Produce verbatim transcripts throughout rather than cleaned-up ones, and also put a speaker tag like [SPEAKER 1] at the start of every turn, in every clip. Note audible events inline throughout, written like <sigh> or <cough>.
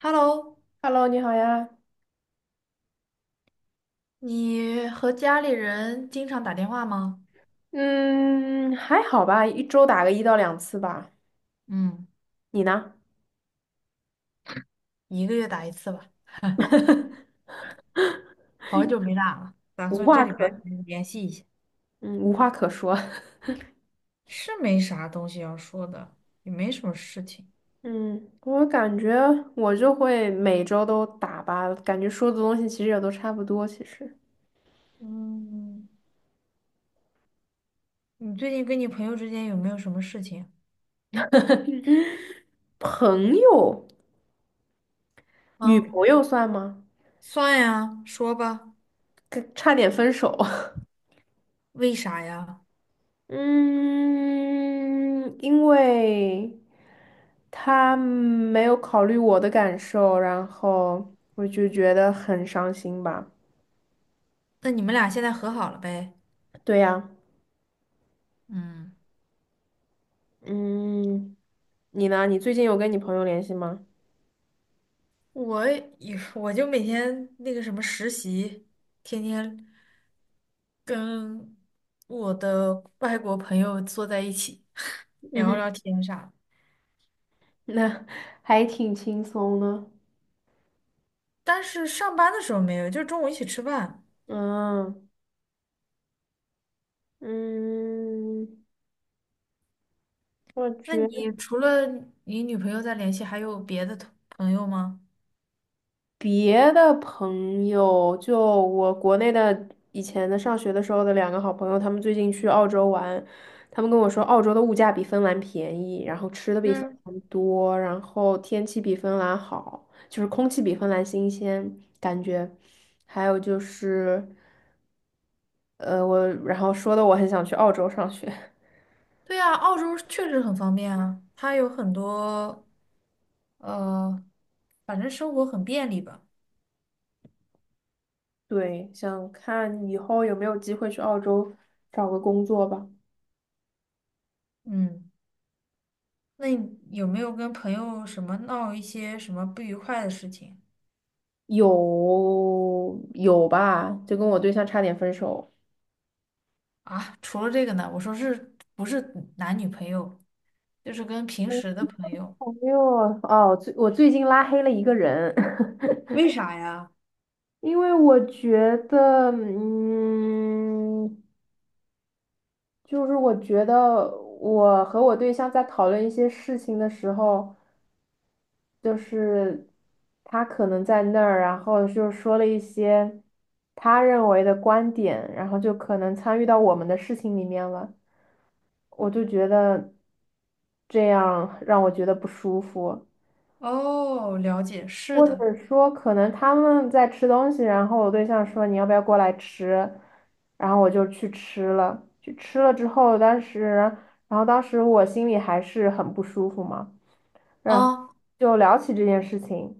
[SPEAKER 1] Hello，
[SPEAKER 2] Hello，你好呀。
[SPEAKER 1] 你和家里人经常打电话吗？
[SPEAKER 2] 嗯，还好吧，一周打个一到两次吧。
[SPEAKER 1] 嗯，
[SPEAKER 2] 你呢？
[SPEAKER 1] 一个月打一次吧，<laughs>
[SPEAKER 2] <laughs>
[SPEAKER 1] 好久没打了，打
[SPEAKER 2] 无
[SPEAKER 1] 算这
[SPEAKER 2] 话
[SPEAKER 1] 里边
[SPEAKER 2] 可，
[SPEAKER 1] 联系一下。
[SPEAKER 2] 嗯，无话可说。<laughs>
[SPEAKER 1] 是没啥东西要说的，也没什么事情。
[SPEAKER 2] 嗯，我感觉我就会每周都打吧，感觉说的东西其实也都差不多。其实，
[SPEAKER 1] 嗯，你最近跟你朋友之间有没有什么事情？
[SPEAKER 2] 朋友，女
[SPEAKER 1] 啊，
[SPEAKER 2] 朋友算吗？
[SPEAKER 1] 算呀，说吧。
[SPEAKER 2] 跟差点分手。<laughs>
[SPEAKER 1] 为啥呀？
[SPEAKER 2] 嗯，因为他没有考虑我的感受，然后我就觉得很伤心吧。
[SPEAKER 1] 那你们俩现在和好了呗？
[SPEAKER 2] 对呀，
[SPEAKER 1] 嗯，
[SPEAKER 2] 嗯，你呢？你最近有跟你朋友联系吗？
[SPEAKER 1] 我也我就每天那个什么实习，天天。跟我的外国朋友坐在一起 <laughs>
[SPEAKER 2] 嗯
[SPEAKER 1] 聊
[SPEAKER 2] 哼，
[SPEAKER 1] 聊天啥的，
[SPEAKER 2] 那还挺轻松的。
[SPEAKER 1] 但是上班的时候没有，就是中午一起吃饭。
[SPEAKER 2] 嗯嗯，我
[SPEAKER 1] 那
[SPEAKER 2] 觉得
[SPEAKER 1] 你除了你女朋友在联系，还有别的同朋友吗？
[SPEAKER 2] 别的朋友，就我国内的以前的上学的时候的两个好朋友，他们最近去澳洲玩，他们跟我说澳洲的物价比芬兰便宜，然后吃的比芬
[SPEAKER 1] 嗯，
[SPEAKER 2] 兰多，然后天气比芬兰好，就是空气比芬兰新鲜，感觉。还有就是，呃，我然后说的我很想去澳洲上学，<laughs>
[SPEAKER 1] 对呀，澳洲确实很方便啊，它有很多呃，反正生活很便利吧。
[SPEAKER 2] 对，想看以后有没有机会去澳洲找个工作吧。
[SPEAKER 1] 嗯，那你有没有跟朋友什么闹一些什么不愉快的事情？
[SPEAKER 2] 有有吧，就跟我对象差点分手。
[SPEAKER 1] 啊，除了这个呢，我说是不是男女朋友，就是跟平时的朋友。
[SPEAKER 2] 朋友哦，最我最近拉黑了一个人，<laughs>
[SPEAKER 1] 为啥呀？
[SPEAKER 2] 因为我觉得，嗯，就是我觉得我和我对象在讨论一些事情的时候。就是他可能在那儿，然后就说了一些他认为的观点，然后就可能参与到我们的事情里面了。我就觉得这样让我觉得不舒服，
[SPEAKER 1] 哦，了解，是
[SPEAKER 2] 或
[SPEAKER 1] 的。
[SPEAKER 2] 者说可能他们在吃东西，然后我对象说你要不要过来吃，然后我就去吃了，去吃了之后，当时，然后当时我心里还是很不舒服嘛。然后
[SPEAKER 1] 啊，
[SPEAKER 2] 就聊起这件事情，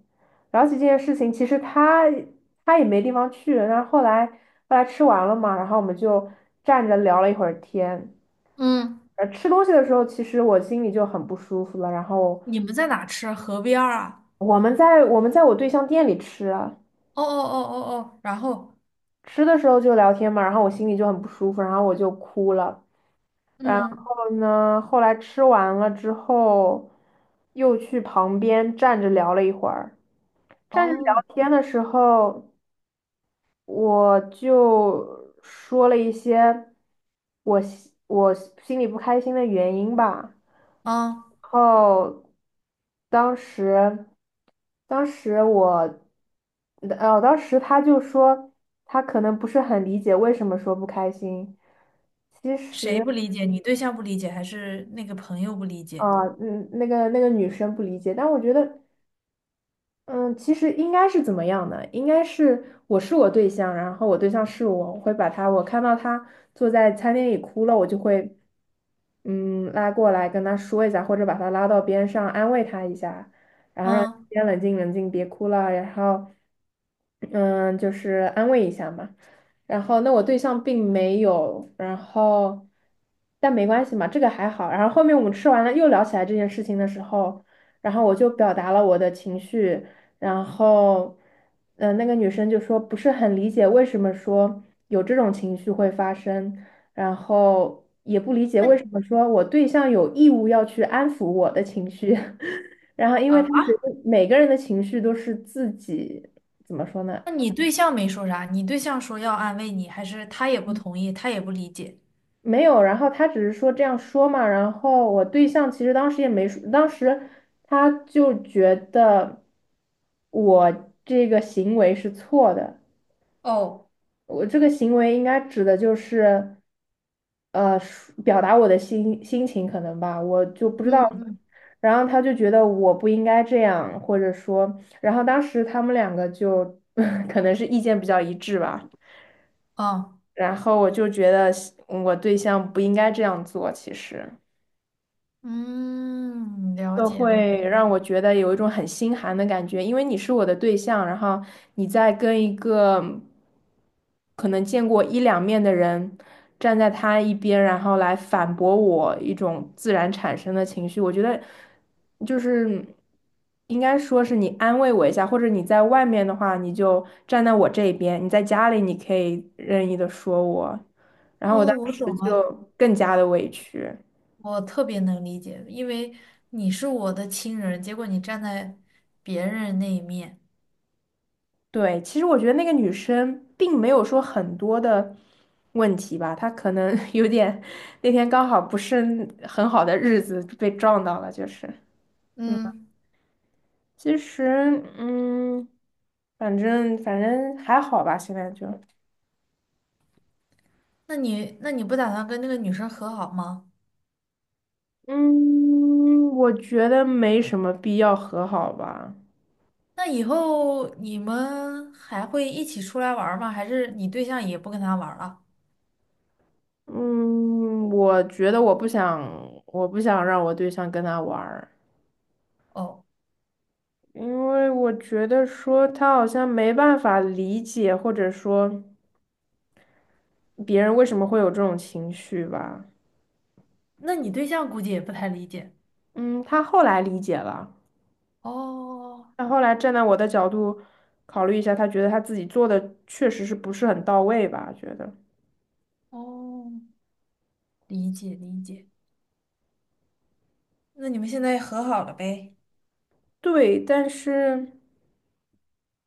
[SPEAKER 2] 聊起这件事情，其实他他也没地方去，然后后来后来吃完了嘛，然后我们就站着聊了一会儿天。
[SPEAKER 1] 嗯，
[SPEAKER 2] 呃，吃东西的时候，其实我心里就很不舒服了。然后
[SPEAKER 1] 你们在哪吃啊？河边儿啊？
[SPEAKER 2] 我们在我们在我对象店里吃啊，
[SPEAKER 1] 哦哦哦哦哦，然后，
[SPEAKER 2] 吃的时候就聊天嘛，然后我心里就很不舒服，然后我就哭了。然
[SPEAKER 1] 嗯，
[SPEAKER 2] 后呢，后来吃完了之后，又去旁边站着聊了一会儿。站着聊
[SPEAKER 1] 哦，
[SPEAKER 2] 天的时候。我就说了一些我心我心里不开心的原因吧。
[SPEAKER 1] 嗯
[SPEAKER 2] 然后当时，当时我，呃，哦当时他就说他可能不是很理解为什么说不开心。其实
[SPEAKER 1] 谁不理解？你对象不理解，还是那个朋友不理解？
[SPEAKER 2] 啊，呃嗯，那个那个女生不理解，但我觉得。嗯，其实应该是怎么样的？应该是我是我对象，然后我对象是我，我会把他，我看到他坐在餐厅里哭了，我就会，嗯，拉过来跟他说一下，或者把他拉到边上安慰他一下，然后让他
[SPEAKER 1] 嗯，
[SPEAKER 2] 先冷静冷静，别哭了，然后，嗯，就是安慰一下嘛。然后那我对象并没有，然后但没关系嘛，这个还好。然后后面我们吃完了又聊起来这件事情的时候。然后我就表达了我的情绪，然后，呃，那个女生就说不是很理解为什么说有这种情绪会发生，然后也不理解为
[SPEAKER 1] 那
[SPEAKER 2] 什么说我对象有义务要去安抚我的情绪，<laughs> 然后因为她觉
[SPEAKER 1] 啊？
[SPEAKER 2] 得每个人的情绪都是自己怎么说呢？
[SPEAKER 1] 那你对象没说啥？你对象说要安慰你，还是他也不同意，他也不理解？
[SPEAKER 2] 没有，然后她只是说这样说嘛，然后我对象其实当时也没说，当时他就觉得我这个行为是错的。
[SPEAKER 1] 哦，
[SPEAKER 2] 我这个行为应该指的就是，呃，抒表达我的心心情可能吧，我就不知道。
[SPEAKER 1] 嗯嗯。
[SPEAKER 2] 然后他就觉得我不应该这样，或者说，然后当时他们两个就 <laughs> 可能是意见比较一致吧。
[SPEAKER 1] 哦。
[SPEAKER 2] 然后我就觉得我对象不应该这样做，其实。
[SPEAKER 1] 嗯，了
[SPEAKER 2] 都
[SPEAKER 1] 解了
[SPEAKER 2] 会
[SPEAKER 1] 解。
[SPEAKER 2] 让我觉得有一种很心寒的感觉，因为你是我的对象，然后你在跟一个可能见过一两面的人站在他一边，然后来反驳我一种自然产生的情绪，我觉得就是应该说是你安慰我一下，或者你在外面的话，你就站在我这一边；你在家里，你可以任意的说我，然后我
[SPEAKER 1] 哦，
[SPEAKER 2] 当
[SPEAKER 1] 我
[SPEAKER 2] 时
[SPEAKER 1] 懂了，
[SPEAKER 2] 就更加的委屈。
[SPEAKER 1] 我特别能理解，因为你是我的亲人，结果你站在别人那一面。
[SPEAKER 2] 对，其实我觉得那个女生并没有说很多的问题吧，她可能 <laughs> 有点那天刚好不是很好的日子被撞到了，就是，嗯，
[SPEAKER 1] 嗯，
[SPEAKER 2] 其实，嗯，反正反正还好吧，现在就，
[SPEAKER 1] 那你那你不打算跟那个女生和好吗？
[SPEAKER 2] 嗯，我觉得没什么必要和好吧，
[SPEAKER 1] 那以后你们还会一起出来玩儿吗？还是你对象也不跟他玩儿了？
[SPEAKER 2] 嗯，我觉得我不想，我不想让我对象跟他玩儿。
[SPEAKER 1] 哦，
[SPEAKER 2] 因为我觉得说他好像没办法理解，或者说别人为什么会有这种情绪吧。
[SPEAKER 1] 那你对象估计也不太理解。
[SPEAKER 2] 嗯，他后来理解了，
[SPEAKER 1] 哦
[SPEAKER 2] 他后来站在我的角度考虑一下，他觉得他自己做的确实是不是很到位吧，觉得。
[SPEAKER 1] 哦，理解理解。那你们现在和好了呗？
[SPEAKER 2] 对，但是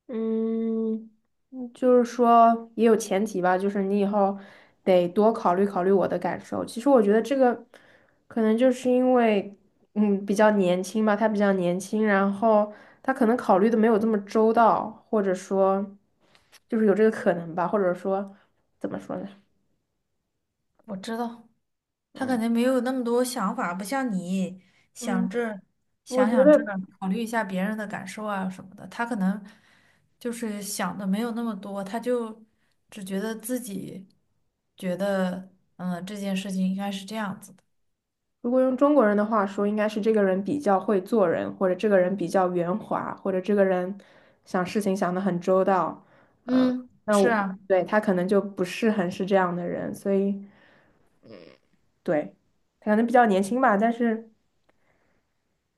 [SPEAKER 2] 嗯，嗯就是说也有前提吧，就是你以后得多考虑考虑我的感受。其实我觉得这个可能就是因为，嗯，比较年轻吧，他比较年轻，然后他可能考虑的没有这么周到，或者说就是有这个可能吧，或者说怎么说呢？
[SPEAKER 1] 我知道，他肯
[SPEAKER 2] 嗯
[SPEAKER 1] 定没有那么多想法，不像你想
[SPEAKER 2] 嗯，
[SPEAKER 1] 这儿
[SPEAKER 2] 我
[SPEAKER 1] 想
[SPEAKER 2] 觉
[SPEAKER 1] 想这
[SPEAKER 2] 得。
[SPEAKER 1] 儿考虑一下别人的感受啊什么的。他可能就是想的没有那么多，他就只觉得自己觉得，嗯，这件事情应该是这样子的。
[SPEAKER 2] 如果用中国人的话说，应该是这个人比较会做人，或者这个人比较圆滑，或者这个人想事情想得很周到。嗯，
[SPEAKER 1] 嗯，
[SPEAKER 2] 那
[SPEAKER 1] 是
[SPEAKER 2] 我
[SPEAKER 1] 啊，
[SPEAKER 2] 对他可能就不是很是这样的人，所以对他可能比较年轻吧。但是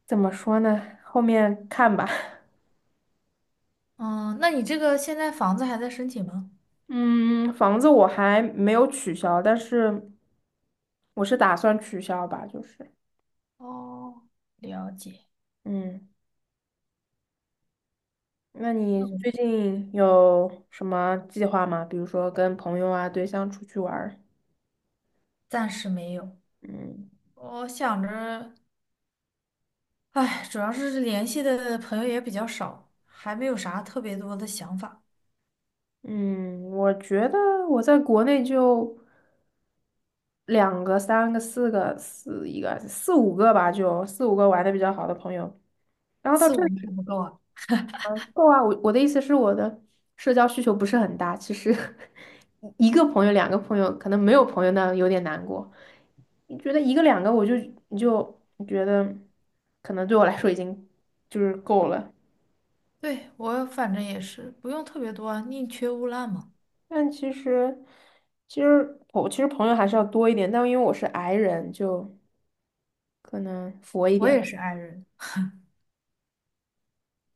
[SPEAKER 2] 怎么说呢？后面看吧。<laughs>
[SPEAKER 1] 嗯，那你这个现在房子还在申请吗？
[SPEAKER 2] 嗯，房子我还没有取消，但是我是打算取消吧，就是
[SPEAKER 1] 哦，了解，
[SPEAKER 2] 嗯。那
[SPEAKER 1] 那
[SPEAKER 2] 你
[SPEAKER 1] 我
[SPEAKER 2] 最近有什么计划吗？比如说跟朋友啊、对象出去玩儿？
[SPEAKER 1] 暂时没有。
[SPEAKER 2] 嗯
[SPEAKER 1] 我想着。唉，主要是联系的朋友也比较少，还没有啥特别多的想法，
[SPEAKER 2] 嗯，我觉得我在国内就两个、三个、四个、四一个、四五个吧，就四五个玩的比较好的朋友。然后到
[SPEAKER 1] 四
[SPEAKER 2] 这
[SPEAKER 1] 五
[SPEAKER 2] 里
[SPEAKER 1] 个还不够啊。
[SPEAKER 2] 了够啊，我我的意思是我的社交需求不是很大，其实 <laughs> 一个朋友、两个朋友，可能没有朋友那有点难过。你觉得一个两个，我就你就觉得可能对我来说已经就是够了。
[SPEAKER 1] 对，我反正也是，不用特别多啊宁缺毋滥嘛。
[SPEAKER 2] 但其实，其实我其实朋友还是要多一点，但因为我是 i 人，就可能佛一
[SPEAKER 1] 我
[SPEAKER 2] 点。
[SPEAKER 1] 也是 i 人，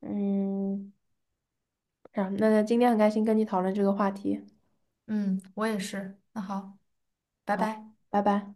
[SPEAKER 2] 嗯，啊，那今天很开心跟你讨论这个话题，
[SPEAKER 1] 嗯，我也是。那好，拜
[SPEAKER 2] 好，
[SPEAKER 1] 拜。
[SPEAKER 2] 拜拜。